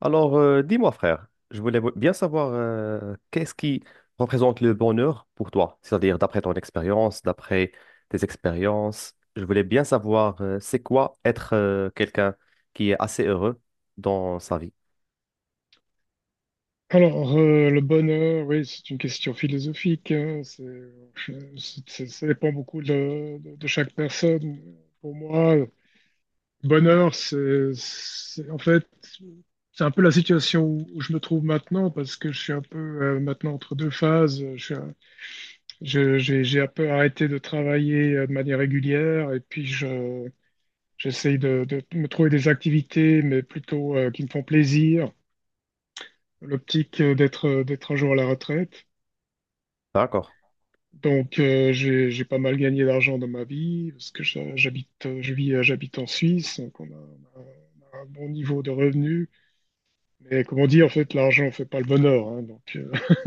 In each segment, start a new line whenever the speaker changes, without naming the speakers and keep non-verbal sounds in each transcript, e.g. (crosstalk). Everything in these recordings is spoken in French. Dis-moi, frère, je voulais bien savoir qu'est-ce qui représente le bonheur pour toi, c'est-à-dire d'après ton expérience, d'après tes expériences. Je voulais bien savoir c'est quoi être quelqu'un qui est assez heureux dans sa vie.
Le bonheur, oui, c'est une question philosophique, hein. Ça dépend beaucoup de chaque personne. Pour moi, le bonheur, en fait, c'est un peu la situation où je me trouve maintenant, parce que je suis un peu maintenant entre deux phases. Je suis un- je- J'ai un peu arrêté de travailler de manière régulière, et puis j'essaye de me trouver des activités, mais plutôt qui me font plaisir. L'optique d'être un jour à la retraite.
D'accord.
J'ai pas mal gagné d'argent dans ma vie, parce que j'habite en Suisse, donc on a un bon niveau de revenus. Mais comme on dit, en fait, l'argent fait pas le bonheur, hein. Donc (laughs)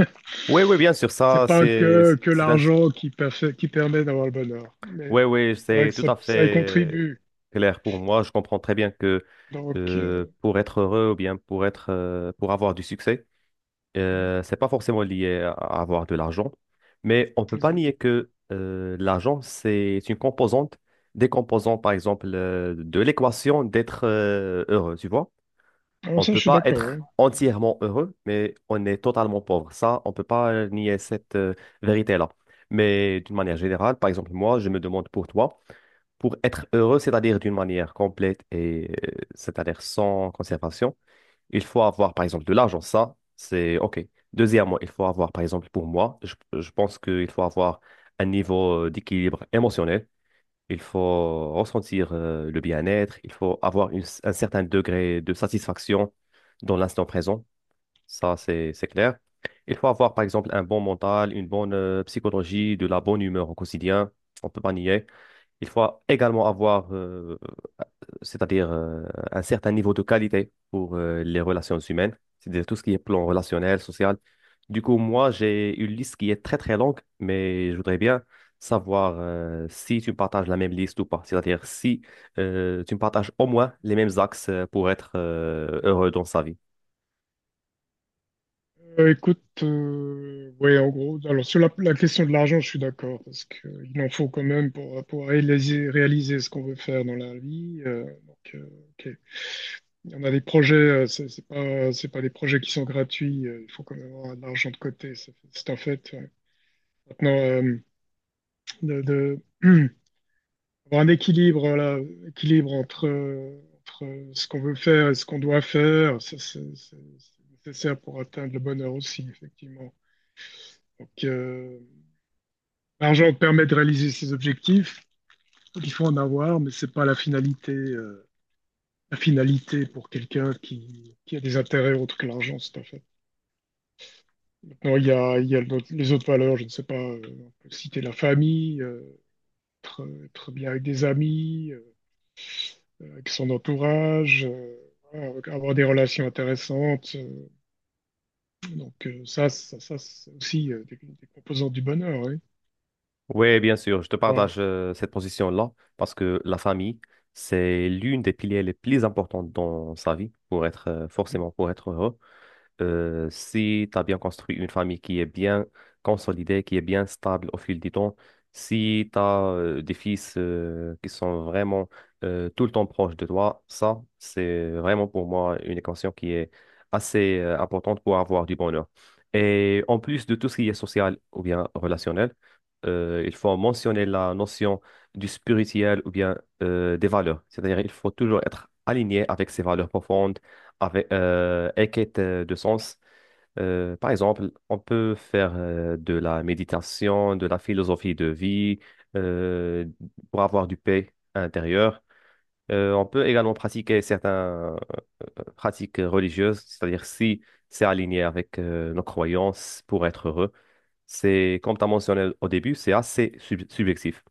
Oui, oui, bien sûr,
c'est
ça,
pas
c'est, c'est
que
c'est un…
l'argent qui, qui permet d'avoir le bonheur, mais
Oui, oui,
c'est vrai
c'est
que
tout à fait
ça y contribue.
clair pour moi. Je comprends très bien que
Donc, euh,
pour être heureux ou bien pour être, pour avoir du succès, c'est pas forcément lié à avoir de l'argent, mais on peut pas
Exact.
nier que l'argent, c'est une composante, des composantes, par exemple, de l'équation d'être heureux, tu vois.
Alors
On
ça, je
peut
suis
pas
d'accord, ouais.
être
Mm-hmm.
entièrement heureux, mais on est totalement pauvre. Ça, on peut pas nier cette vérité-là. Mais d'une manière générale, par exemple, moi, je me demande pour toi, pour être heureux, c'est-à-dire d'une manière complète et c'est-à-dire sans conservation, il faut avoir, par exemple, de l'argent. Ça, c'est OK. Deuxièmement, il faut avoir, par exemple, pour moi, je pense qu'il faut avoir un niveau d'équilibre émotionnel. Il faut ressentir le bien-être. Il faut avoir un certain degré de satisfaction dans l'instant présent. Ça, c'est clair. Il faut avoir, par exemple, un bon mental, une bonne psychologie, de la bonne humeur au quotidien. On peut pas nier. Il faut également avoir c'est-à-dire un certain niveau de qualité pour les relations humaines, c'est-à-dire tout ce qui est plan relationnel, social. Du coup, moi, j'ai une liste qui est très, très longue, mais je voudrais bien savoir si tu me partages la même liste ou pas, c'est-à-dire si tu me partages au moins les mêmes axes pour être heureux dans sa vie.
Écoute, ouais, en gros, alors sur la question de l'argent, je suis d'accord, parce qu'il en faut quand même pour réaliser ce qu'on veut faire dans la vie. Ok. Il y en a des projets, c'est pas des projets qui sont gratuits, il faut quand même avoir de l'argent de côté, c'est un fait, ouais. Maintenant, de, de- (clears throat) avoir un équilibre, voilà, équilibre entre ce qu'on veut faire et ce qu'on doit faire. Ça, c'est nécessaire pour atteindre le bonheur aussi, effectivement. Donc, euh, L'argent permet de réaliser ses objectifs. Il faut en avoir, mais c'est pas la finalité. La finalité pour quelqu'un qui a des intérêts autres que l'argent, c'est à fait. Maintenant, il y a les autres valeurs. Je ne sais pas, on peut citer la famille, être bien avec des amis, avec son entourage, voilà, avoir des relations intéressantes. Ça, c'est aussi des composantes du bonheur, oui.
Oui, bien sûr, je te
Voilà.
partage cette position-là parce que la famille, c'est l'une des piliers les plus importants dans sa vie pour être forcément pour être heureux. Si tu as bien construit une famille qui est bien consolidée, qui est bien stable au fil du temps, si tu as des fils qui sont vraiment tout le temps proches de toi, ça, c'est vraiment pour moi une équation qui est assez importante pour avoir du bonheur. Et en plus de tout ce qui est social ou bien relationnel, il faut mentionner la notion du spirituel ou bien des valeurs. C'est-à-dire, il faut toujours être aligné avec ses valeurs profondes avec, et quête de sens. Par exemple, on peut faire de la méditation, de la philosophie de vie, euh, pour avoir du paix intérieure. On peut également pratiquer certaines pratiques religieuses, c'est-à-dire si c'est aligné avec nos croyances pour être heureux. C'est, comme tu as mentionné au début, c'est assez subjectif.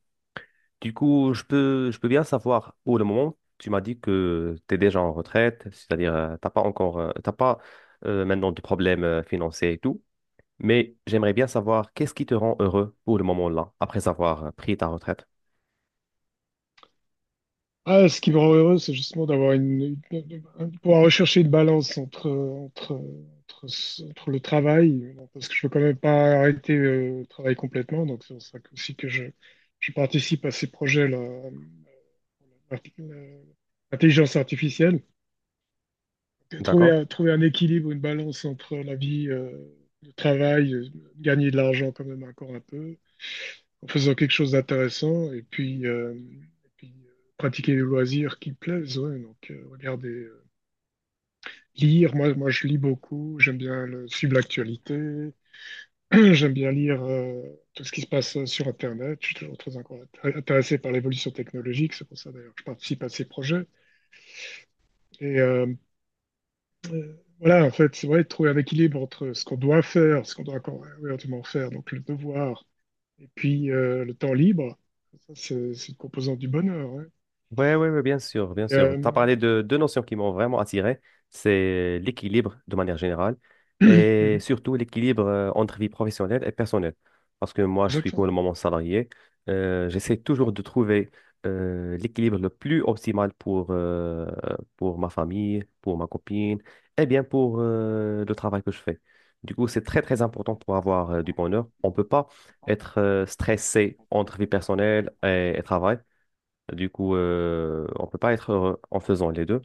Du coup, je peux bien savoir où le moment. Tu m'as dit que tu es déjà en retraite, c'est-à-dire t'as pas encore, t'as pas maintenant de problèmes financiers et tout. Mais j'aimerais bien savoir qu'est-ce qui te rend heureux pour le moment là, après avoir pris ta retraite.
Ah, ce qui me rend heureux, c'est justement d'avoir de pouvoir rechercher une balance entre le travail, parce que je veux quand même pas arrêter le travail complètement. Donc c'est pour ça je participe à ces projets-là. Arti- euh, Intelligence artificielle.
D'accord?
Trouver un équilibre, une balance entre la vie, le travail, gagner de l'argent quand même encore un peu, en faisant quelque chose d'intéressant, et puis, pratiquer les loisirs qui plaisent, ouais. Regardez, lire. Moi, je lis beaucoup, j'aime bien suivre l'actualité. (clears throat) J'aime bien lire tout ce qui se passe sur Internet. Je suis toujours très encore intéressé par l'évolution technologique, c'est pour ça d'ailleurs que je participe à ces projets. Et euh, voilà, en fait, c'est vrai, trouver un équilibre entre ce qu'on doit faire, ce qu'on doit encore éventuellement faire, donc le devoir, et puis le temps libre. C'est une composante du bonheur, ouais.
Ouais, bien sûr, bien
Et,
sûr. Tu as
euh,
parlé de deux notions qui m'ont vraiment attiré. C'est l'équilibre de manière générale et
(clears throat)
surtout l'équilibre entre vie professionnelle et personnelle. Parce que moi, je suis pour le
Exactement.
moment salarié. J'essaie toujours de trouver l'équilibre le plus optimal pour ma famille, pour ma copine et bien pour le travail que je fais. Du coup, c'est très, très important pour avoir du bonheur. On ne peut pas être stressé entre vie personnelle et travail du coup, on peut pas être heureux en faisant les deux.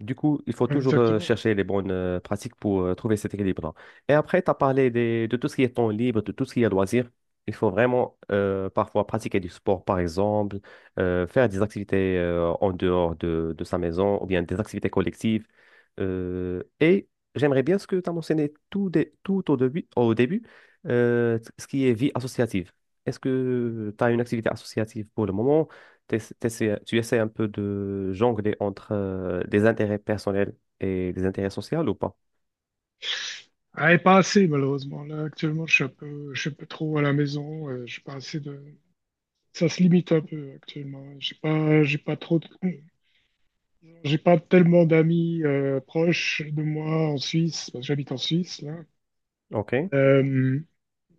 Du coup, il faut toujours
Exactement.
chercher les bonnes pratiques pour trouver cet équilibre-là. Et après, tu as parlé de tout ce qui est temps libre, de tout ce qui est loisir. Il faut vraiment parfois pratiquer du sport, par exemple, faire des activités en dehors de sa maison ou bien des activités collectives. Et j'aimerais bien ce que tu as mentionné tout au début ce qui est vie associative. Est-ce que tu as une activité associative pour le moment? Tu essaies un peu de jongler entre des intérêts personnels et des intérêts sociaux ou pas?
Ah, et pas assez, malheureusement. Là, actuellement, je suis un peu trop à la maison. Je suis pas assez de. Ça se limite un peu actuellement. J'ai pas trop de- (clears throat) J'ai pas tellement d'amis proches de moi en Suisse, parce que j'habite en Suisse, là.
OK.
Euh,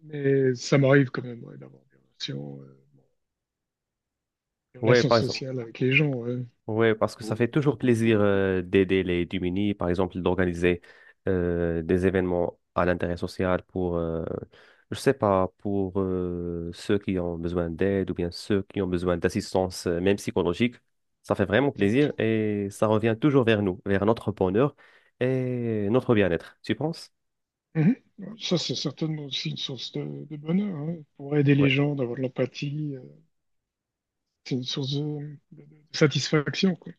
mais ça m'arrive quand même, ouais, d'avoir des
Ouais,
relations
par exemple.
sociales avec les gens, ouais.
Ouais, parce que ça fait toujours plaisir d'aider les démunis, par exemple, d'organiser des événements à l'intérêt social pour, je sais pas, pour ceux qui ont besoin d'aide ou bien ceux qui ont besoin d'assistance, même psychologique. Ça fait vraiment
Exact.
plaisir et ça revient toujours vers nous, vers notre bonheur et notre bien-être, tu penses?
Mhm. Ouais, ça, c'est certainement aussi une source de bonheur, hein. Pour aider
Ouais.
les gens, d'avoir de l'empathie, c'est une source de satisfaction, quoi.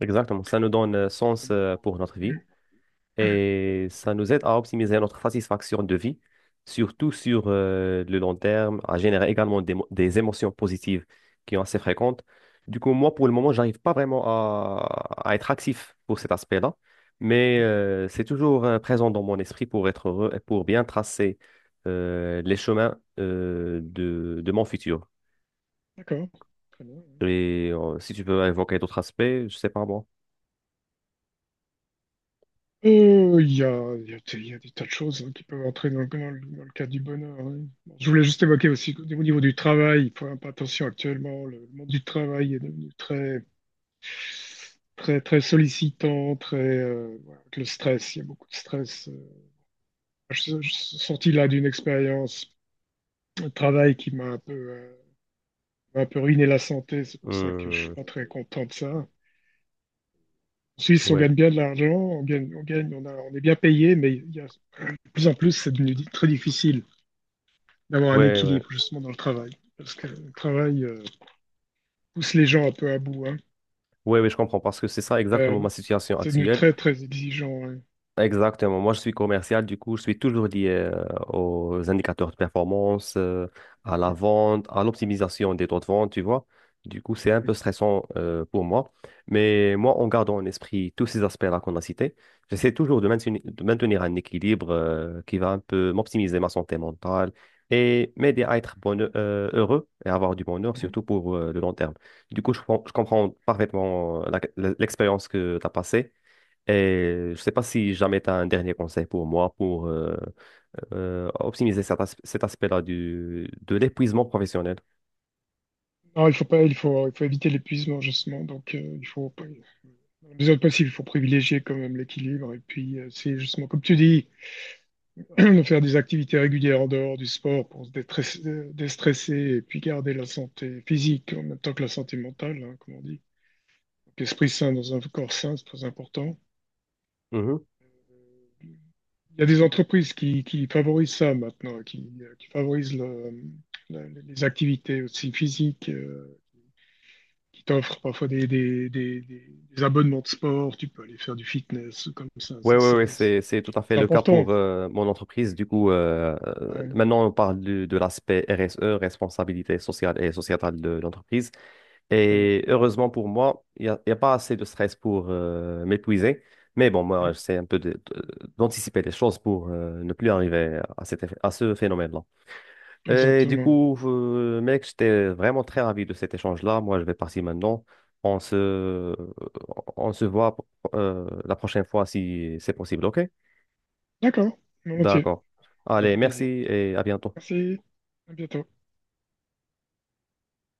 Exactement, ça nous donne
Si
sens
on a-
pour notre vie
Mhm.
et ça nous aide à optimiser notre satisfaction de vie, surtout sur le long terme, à générer également des émotions positives qui sont assez fréquentes. Du coup, moi, pour le moment, j'arrive pas vraiment à être actif pour cet aspect-là, mais
Mhm.
c'est toujours présent dans mon esprit pour être heureux et pour bien tracer les chemins de mon futur.
D'accord, très bien, ouais.
Et si tu peux évoquer d'autres aspects, je sais pas moi.
Il y a des tas de choses, hein, qui peuvent entrer dans le cadre du bonheur, hein. Bon, je voulais juste évoquer aussi qu'au niveau du travail, il faut faire un peu attention actuellement. Le monde du travail est devenu très sollicitant, très, voilà, avec le stress. Il y a beaucoup de stress, Je suis sorti là d'une expérience, le travail qui m'a un peu ruiné la santé. C'est pour ça que je suis
Hum,
pas très content de ça. En Suisse, on
ouais.
gagne bien de l'argent, on gagne, on gagne, on a- on est bien payé, mais il y a, de plus en plus, c'est devenu très difficile d'avoir un
Ouais, ouais.
équilibre justement dans le travail, parce que le travail pousse les gens un peu à bout, hein.
Oui, oui, je comprends parce que c'est ça
Euh,
exactement ma situation
c'est devenu
actuelle.
très très exigeant, ouais.
Exactement. Moi, je suis commercial, du coup, je suis toujours lié aux indicateurs de performance, à la
Mhm,
vente, à l'optimisation des taux de vente, tu vois. Du coup, c'est un
mhm,
peu stressant pour moi. Mais moi, en gardant en esprit tous ces aspects-là qu'on a cités, j'essaie toujours de maintenir un équilibre qui va un peu m'optimiser ma santé mentale et m'aider à être heureux et avoir du bonheur,
mhm.
surtout pour le long terme. Du coup, je comprends parfaitement l'expérience que tu as passée. Et je sais pas si jamais tu as un dernier conseil pour moi pour optimiser cet aspect-là du, de l'épuisement professionnel.
Non, il faut pas, il faut éviter l'épuisement justement. Donc, il faut, pas- dans la mesure du possible, il faut privilégier quand même l'équilibre. Et puis, c'est justement comme tu dis, (clears throat) de faire des activités régulières en dehors du sport pour déstresser et puis garder la santé physique en même temps que la santé mentale, hein, comme on dit. Donc, esprit sain dans un corps sain, c'est très important.
Mhm.
Il y a des entreprises qui favorisent ça maintenant, qui favorisent les activités aussi physiques, qui t'offrent parfois des abonnements de sport, tu peux aller faire du fitness comme ça.
Oui,
Ça
oui,
c'est
oui, c'est tout à fait
c'est
le cas
important.
pour mon entreprise. Du coup,
Ouais,
maintenant, on parle de l'aspect RSE, responsabilité sociale et sociétale de l'entreprise.
très bien.
Et heureusement pour moi, il y a pas assez de stress pour m'épuiser. Mais bon, moi, j'essaie un peu d'anticiper les choses pour ne plus arriver à, à ce phénomène-là. Et du
Exactement.
coup, mec, j'étais vraiment très ravi de cet échange-là. Moi, je vais partir maintenant. On se, euh, on se voit la prochaine fois si c'est possible, ok?
D'accord, volontiers,
D'accord.
ça fait
Allez, merci
plaisir.
et à bientôt.
Merci, à bientôt.